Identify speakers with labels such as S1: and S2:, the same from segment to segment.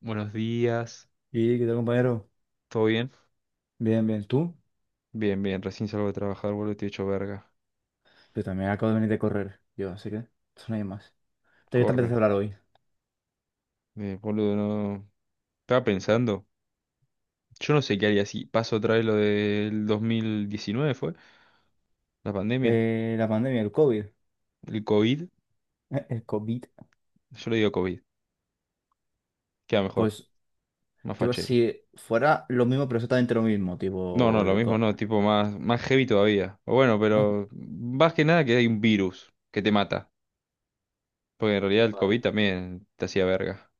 S1: Buenos días,
S2: ¿Y qué tal, compañero?
S1: ¿todo bien?
S2: Bien, bien. ¿Tú?
S1: Bien, bien, recién salgo de trabajar, boludo, te he hecho verga.
S2: Yo también acabo de venir de correr. Yo, así que eso no hay más. ¿De qué te voy a
S1: Corre,
S2: empezar a hablar hoy?
S1: boludo, no. Estaba pensando, yo no sé qué haría si paso otra vez lo del 2019, ¿fue? La pandemia,
S2: La pandemia, el COVID.
S1: el COVID,
S2: El COVID.
S1: yo le digo COVID, queda mejor,
S2: Pues,
S1: más
S2: ¿qué pasa
S1: fachero.
S2: si fuera lo mismo, pero exactamente lo mismo?
S1: No, no,
S2: Tipo,
S1: lo
S2: el
S1: mismo
S2: co-
S1: no, tipo más, más heavy todavía. O bueno,
S2: no-
S1: pero más que nada que hay un virus que te mata, porque en realidad el COVID
S2: vale.
S1: también te hacía verga.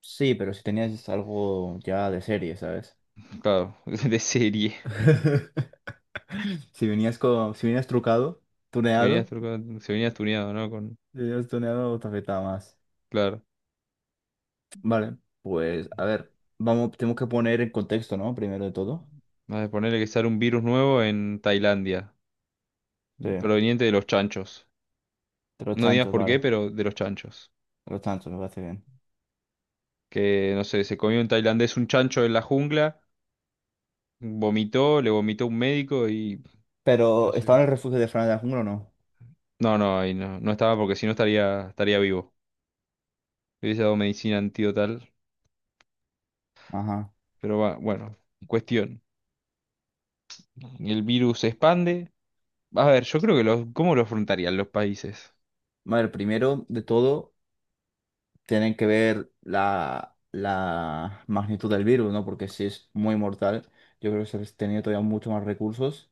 S2: Sí, pero si tenías algo ya de serie, ¿sabes?
S1: Claro, de serie.
S2: Si venías con, si venías trucado,
S1: Se venía,
S2: tuneado,
S1: se venía tuneado, ¿no? Con,
S2: si venías tuneado, te afectaba más.
S1: claro.
S2: Vale, pues, a ver, vamos, tenemos que poner en contexto, ¿no? Primero de todo.
S1: Vale, ponerle que sale un virus nuevo en Tailandia,
S2: Sí.
S1: proveniente de los chanchos.
S2: De los
S1: No digas
S2: chanchos,
S1: por qué,
S2: vale.
S1: pero de los chanchos.
S2: De los chanchos, me parece bien.
S1: Que, no sé, se comió un tailandés un chancho en la jungla, vomitó, le vomitó un médico y... Yo
S2: Pero,
S1: sé.
S2: ¿estaba en el refugio de Fran de la Jungla o no?
S1: No, no, ahí no, no estaba porque si no estaría vivo. Le hubiese dado medicina antidotal,
S2: Ajá.
S1: pero va, bueno, cuestión. El virus se expande. A ver, yo creo que los, ¿cómo lo afrontarían los países?
S2: Vale, primero de todo, tienen que ver la magnitud del virus, ¿no? Porque si es muy mortal, yo creo que se les tenía todavía mucho más recursos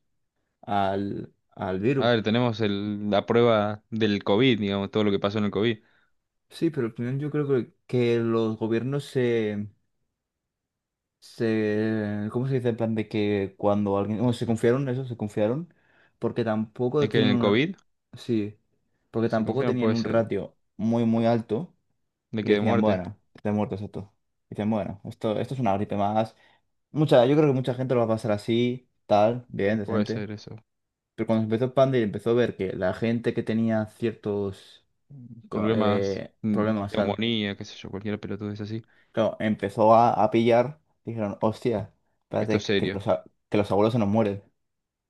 S2: al
S1: A
S2: virus.
S1: ver, tenemos la prueba del COVID, digamos, todo lo que pasó en el COVID.
S2: Sí, pero al final yo creo que los gobiernos se, ¿cómo se dice? En plan de que cuando alguien, bueno, se confiaron, eso, se confiaron, porque
S1: Es
S2: tampoco
S1: que en
S2: tenían
S1: el
S2: un,
S1: COVID
S2: sí, porque
S1: se confía,
S2: tampoco
S1: no
S2: tenían
S1: puede
S2: un
S1: ser.
S2: ratio muy, muy alto
S1: De
S2: y
S1: que de
S2: decían,
S1: muerte.
S2: bueno, está muerto esto. Dicen, bueno, esto es una gripe más. Mucha, yo creo que mucha gente lo va a pasar así, tal, bien,
S1: Puede
S2: decente.
S1: ser eso.
S2: Pero cuando empezó el Panda y empezó a ver que la gente que tenía ciertos
S1: Problemas,
S2: problemas, claro.
S1: neumonía, qué sé yo, cualquier pelotudez así.
S2: Claro, empezó a pillar, dijeron, hostia,
S1: Esto
S2: espérate,
S1: es
S2: que
S1: serio.
S2: los, que los abuelos se nos mueren.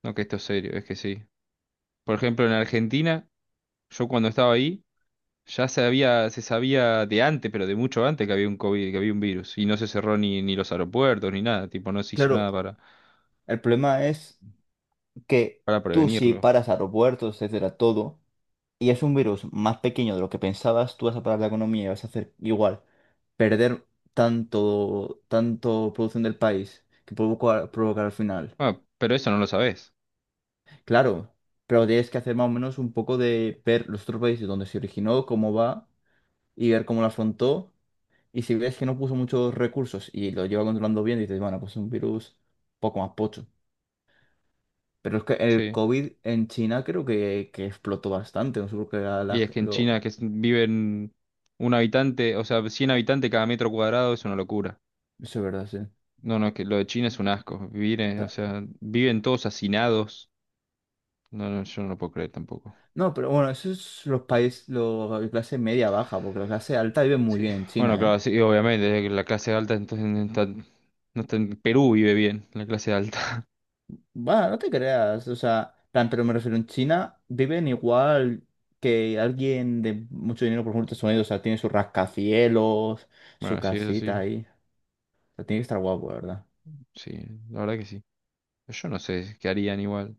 S1: No que esto es serio, es que sí. Por ejemplo, en Argentina, yo cuando estaba ahí, ya se sabía de antes, pero de mucho antes que había un COVID, que había un virus. Y no se cerró ni los aeropuertos, ni nada. Tipo, no se hizo
S2: Claro,
S1: nada
S2: el problema es que
S1: para
S2: tú si
S1: prevenirlo.
S2: paras aeropuertos, etcétera, todo, y es un virus más pequeño de lo que pensabas, tú vas a parar la economía y vas a hacer igual, perder tanto, tanto producción del país que provoca, provocar al final.
S1: Ah, pero eso no lo sabés.
S2: Claro, pero tienes que hacer más o menos un poco de ver los otros países donde se originó, cómo va y ver cómo lo afrontó. Y si ves que no puso muchos recursos y lo lleva controlando bien, dices, bueno, pues es un virus poco más pocho. Pero es que el
S1: Sí.
S2: COVID en China creo que explotó bastante. No sé por qué
S1: Y es que en China
S2: lo...
S1: viven un habitante, o sea, 100 habitantes cada metro cuadrado es una locura.
S2: Eso es verdad, sí.
S1: No, no, que lo de China es un asco. Vivir, o
S2: Ta-
S1: sea, viven todos hacinados. No, no, yo no lo puedo creer tampoco.
S2: No, pero bueno, eso es los países, los la clase media baja, porque la clase alta vive muy
S1: Sí.
S2: bien en
S1: Bueno,
S2: China,
S1: claro,
S2: ¿eh?
S1: sí, obviamente, que la clase alta entonces no está, no está en Perú. Vive bien, la clase alta.
S2: Bueno, no te creas, o sea, plan, pero me refiero, en China viven igual que alguien de mucho dinero, por ejemplo, Estados Unidos, o sea, tiene sus rascacielos, su
S1: Bueno, sí, eso sí,
S2: casita ahí. O sea, tiene que estar guapo, la ¿verdad?
S1: sí, la verdad que sí. Yo no sé qué harían igual,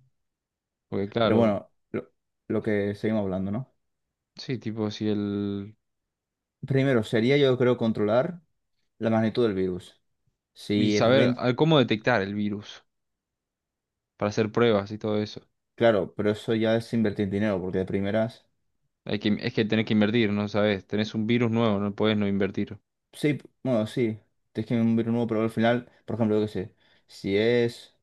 S1: porque
S2: Pero
S1: claro,
S2: bueno, lo que seguimos hablando, ¿no?
S1: sí, tipo si el...
S2: Primero, sería yo creo controlar la magnitud del virus.
S1: Y
S2: Si
S1: saber
S2: rent...
S1: cómo detectar el virus, para hacer pruebas y todo eso.
S2: Claro, pero eso ya es invertir dinero, porque de primeras...
S1: Hay que, es que tenés que invertir, ¿no sabes? Tenés un virus nuevo, no podés no invertir.
S2: Sí, bueno, sí, tienes que un virus nuevo, pero al final, por ejemplo, yo qué sé, si es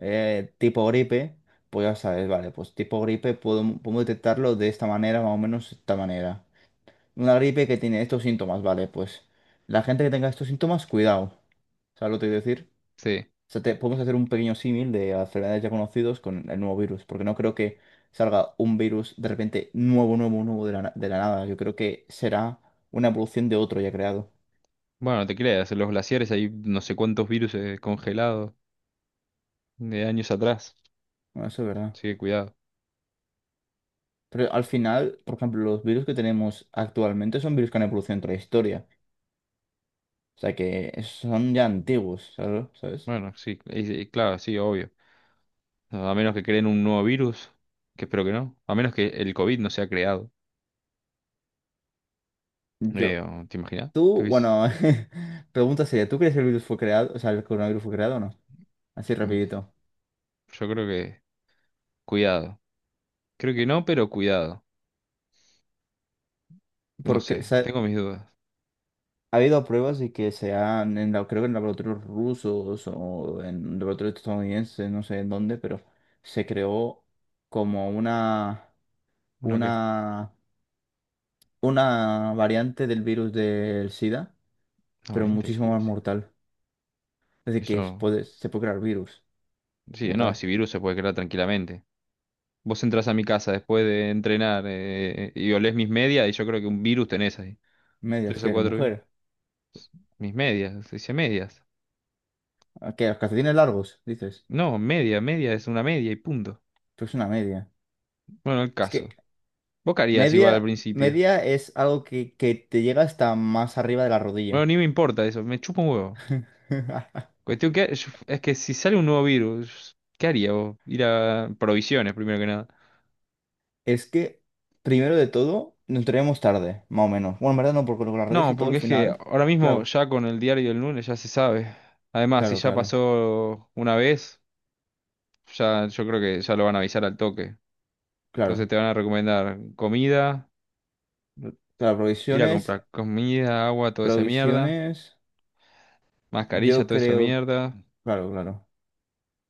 S2: tipo gripe, pues ya sabes, vale, pues tipo gripe puedo, puedo detectarlo de esta manera, más o menos de esta manera. Una gripe que tiene estos síntomas, vale, pues la gente que tenga estos síntomas, cuidado. ¿Sabes lo que te quiero decir?
S1: Sí.
S2: O sea, te- podemos hacer un pequeño símil de a enfermedades ya conocidos con el nuevo virus, porque no creo que salga un virus de repente nuevo, nuevo, nuevo de la, de la nada. Yo creo que será una evolución de otro ya creado.
S1: Bueno, no te creas, en los glaciares hay no sé cuántos virus congelados de años atrás.
S2: Bueno, eso es verdad.
S1: Así que cuidado.
S2: Pero al final, por ejemplo, los virus que tenemos actualmente son virus que han evolucionado entre la historia. O sea que son ya antiguos, ¿sabes? ¿Sabes?
S1: Bueno, sí, y claro, sí, obvio. No, a menos que creen un nuevo virus, que espero que no. A menos que el COVID no sea creado.
S2: Yo,
S1: ¿Te imaginas? ¿Qué
S2: tú,
S1: hubiese...
S2: bueno, pregunta sería, ¿tú crees que el virus fue creado? O sea, ¿el coronavirus fue creado o no? Así
S1: Mm,
S2: rapidito.
S1: yo creo que... Cuidado. Creo que no, pero cuidado. No
S2: Porque,
S1: sé, tengo mis dudas.
S2: ha habido pruebas de que se han, creo que en laboratorios rusos o en laboratorios estadounidenses, no sé en dónde, pero se creó como una,
S1: ¿Una qué?
S2: una, una variante del virus del SIDA,
S1: No,
S2: pero
S1: valiente el
S2: muchísimo más
S1: virus, sí.
S2: mortal. Es decir,
S1: Eso...
S2: se puede crear virus
S1: Sí,
S2: como
S1: no,
S2: tal.
S1: si virus se puede crear tranquilamente. Vos entras a mi casa después de entrenar y olés mis medias y yo creo que un virus tenés ahí.
S2: Medias,
S1: Tres
S2: que
S1: o
S2: eres
S1: cuatro, ¿eh?
S2: mujer.
S1: Mis medias, se dice medias.
S2: ¿A ¿Qué? ¿Los calcetines largos? Dices.
S1: No, media, media es una media y punto.
S2: Pues una media.
S1: Bueno, el
S2: Es que
S1: caso. Vos qué harías igual al principio.
S2: media es algo que te llega hasta más arriba de la
S1: Bueno,
S2: rodilla.
S1: ni me importa eso, me chupa un huevo. Cuestión que es que si sale un nuevo virus, ¿qué haría vos? Ir a provisiones primero que nada.
S2: Es que, primero de todo, nos entraríamos tarde, más o menos. Bueno, en verdad no, porque con las redes
S1: No,
S2: y todo
S1: porque
S2: al
S1: es que
S2: final.
S1: ahora mismo
S2: Claro,
S1: ya con el diario del lunes ya se sabe. Además, si
S2: claro,
S1: ya
S2: claro,
S1: pasó una vez, ya yo creo que ya lo van a avisar al toque. Entonces
S2: claro.
S1: te van a recomendar comida,
S2: Claro,
S1: ir a
S2: provisiones,
S1: comprar comida, agua, toda esa mierda.
S2: provisiones,
S1: Mascarilla,
S2: yo
S1: toda esa
S2: creo.
S1: mierda.
S2: Claro, claro.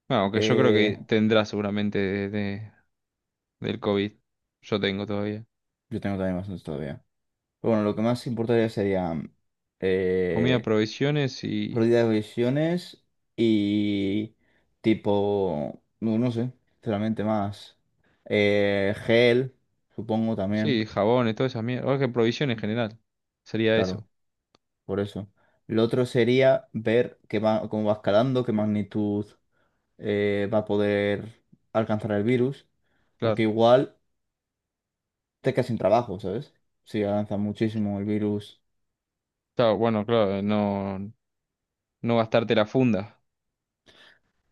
S1: Bueno, aunque yo creo que
S2: Eh,
S1: tendrá seguramente del COVID. Yo tengo todavía.
S2: yo tengo también bastantes todavía. Pero bueno, lo que más importaría sería
S1: Comida,
S2: eh,
S1: provisiones y...
S2: pérdida de provisiones y tipo, no, no sé, sinceramente más. Gel, supongo también,
S1: Sí, jabones, toda esa mierda. O que provisiones en general. Sería eso,
S2: claro. Por eso. Lo otro sería ver qué va, cómo va escalando, qué magnitud va a poder alcanzar el virus, porque
S1: claro.
S2: igual te quedas sin trabajo, ¿sabes? Si avanza muchísimo el virus.
S1: Claro, bueno, claro, no, no gastarte la funda.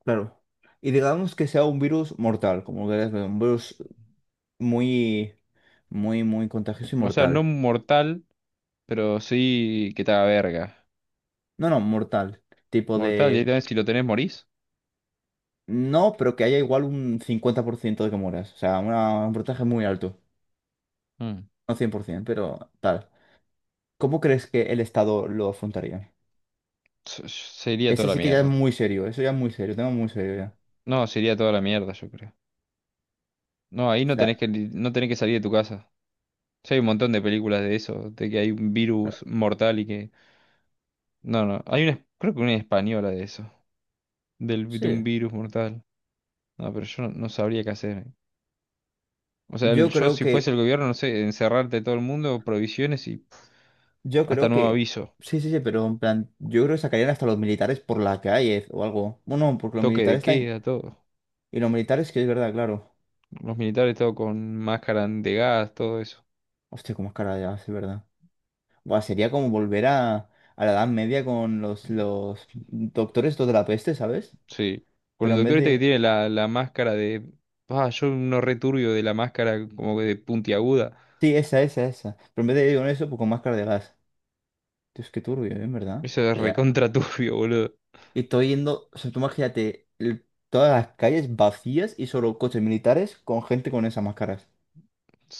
S2: Claro. Y digamos que sea un virus mortal, como querés ver, un virus muy, muy, muy contagioso y
S1: O sea, no
S2: mortal.
S1: mortal, pero sí que te haga verga.
S2: No, no, mortal. Tipo
S1: Mortal,
S2: de...
S1: directamente si lo tenés morís.
S2: No, pero que haya igual un 50% de que mueras. O sea, una- un porcentaje muy alto.
S1: Mm.
S2: No 100% pero tal. ¿Cómo crees que el Estado lo afrontaría?
S1: Sería toda
S2: Ese
S1: la
S2: sí que ya es
S1: mierda.
S2: muy serio, eso ya es muy serio, tema muy serio ya.
S1: No, sería toda la mierda, yo creo. No, ahí
S2: O
S1: no
S2: sea,
S1: tenés que, no tenés que salir de tu casa. Sí, hay un montón de películas de eso, de que hay un
S2: claro,
S1: virus mortal y que... No, no, hay una, creo que una española de eso, de un
S2: sí.
S1: virus mortal. No, pero yo no, no sabría qué hacer. O sea,
S2: Yo
S1: yo
S2: creo
S1: si fuese
S2: que,
S1: el gobierno, no sé, encerrarte todo el mundo, provisiones y
S2: yo
S1: hasta
S2: creo
S1: nuevo
S2: que,
S1: aviso,
S2: sí, sí, sí, pero en plan, yo creo que sacarían hasta los militares por la calle o algo. Bueno, porque los
S1: toque de
S2: militares están,
S1: queda, todo.
S2: y los militares que es verdad, claro.
S1: Los militares todo con máscara de gas, todo eso.
S2: Hostia, cómo es cara ya, es verdad. Buah, sería como volver a la Edad Media con los doctores estos de la peste, ¿sabes?
S1: Sí. Con
S2: Pero
S1: el
S2: en vez
S1: doctor este que
S2: de,
S1: tiene la máscara de... Ah, yo no returbio de la máscara como que de puntiaguda.
S2: sí, esa, esa, esa. Pero en vez de ir con eso, pues con máscara de gas. Tío, es que turbio, ¿eh? ¿En verdad?
S1: Eso
S2: O
S1: es
S2: sea, ya-
S1: recontra turbio, boludo.
S2: Y estoy yendo, o sea, tú imagínate el- todas las calles vacías y solo coches militares con gente con esas máscaras.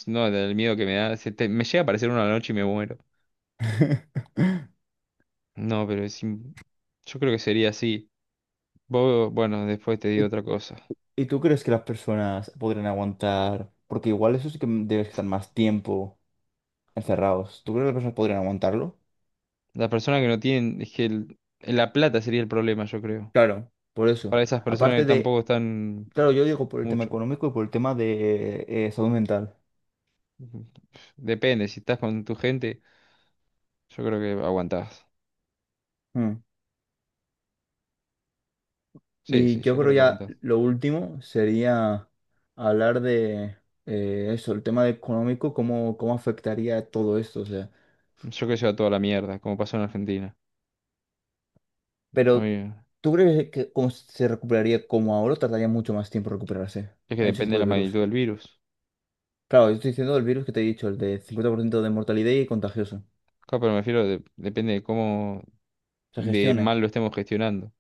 S1: No, del miedo que me da me llega a aparecer una noche y me muero. No, pero yo creo que sería así. Vos, bueno, después te digo
S2: ¿Y,
S1: otra cosa.
S2: y tú crees que las personas podrían aguantar? Porque igual eso sí que debes estar más tiempo encerrados. ¿Tú crees que las personas podrían aguantarlo?
S1: Las personas que no tienen, es que la plata sería el problema, yo creo.
S2: Claro, por eso.
S1: Para esas personas
S2: Aparte
S1: que
S2: de,
S1: tampoco están
S2: claro, yo digo por el tema
S1: mucho.
S2: económico y por el tema de salud mental.
S1: Depende, si estás con tu gente, yo creo que aguantás.
S2: Mm.
S1: Sí,
S2: Y
S1: sí,
S2: yo
S1: yo
S2: creo
S1: creo que
S2: ya
S1: aguantás.
S2: lo último sería hablar de eso, el tema económico, cómo, cómo afectaría todo esto. O sea,
S1: Yo creo que se va toda la mierda, como pasó en Argentina. A
S2: pero
S1: mí,
S2: ¿tú crees que cómo se recuperaría como ahora o tardaría mucho más tiempo recuperarse
S1: es que
S2: en ese
S1: depende
S2: tipo
S1: de
S2: de
S1: la magnitud
S2: virus?
S1: del virus.
S2: Claro, yo estoy diciendo el virus que te he dicho, el de 50% de mortalidad y contagioso.
S1: Claro, pero me refiero, depende de cómo
S2: Se
S1: de
S2: gestione,
S1: mal lo estemos gestionando.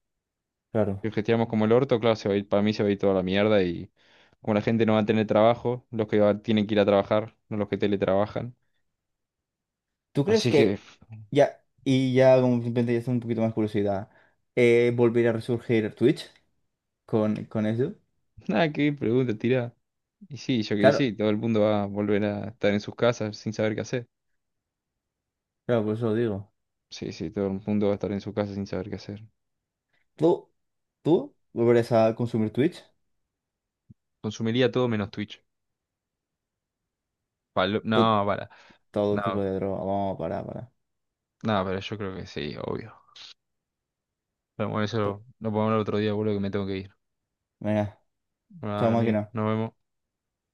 S2: claro.
S1: Que gestionamos como el orto, claro, se va a ir, para mí se va a ir toda la mierda y como la gente no va a tener trabajo, los tienen que ir a trabajar, no los que teletrabajan.
S2: ¿Tú crees
S1: Así que,
S2: que
S1: pf,
S2: como simplemente ya es un poquito más curiosidad, volverá a resurgir Twitch con eso?
S1: nada, qué pregunta, tira. Y sí, yo que y
S2: Claro,
S1: sí, todo el mundo va a volver a estar en sus casas sin saber qué hacer.
S2: claro, por eso lo digo.
S1: Sí, sí, todo el mundo va a estar en su casa sin saber qué hacer.
S2: ¿Tú? ¿Tú? ¿Volverás a consumir Twitch?
S1: Consumiría todo menos Twitch.
S2: To-
S1: No, para.
S2: todo tipo
S1: No,
S2: de droga. Vamos, para, para.
S1: no, pero yo creo que sí, obvio. Pero bueno, eso lo podemos hablar otro día, boludo, que me tengo que ir.
S2: Venga,
S1: Bueno,
S2: chao
S1: nada, amigo,
S2: máquina.
S1: nos vemos.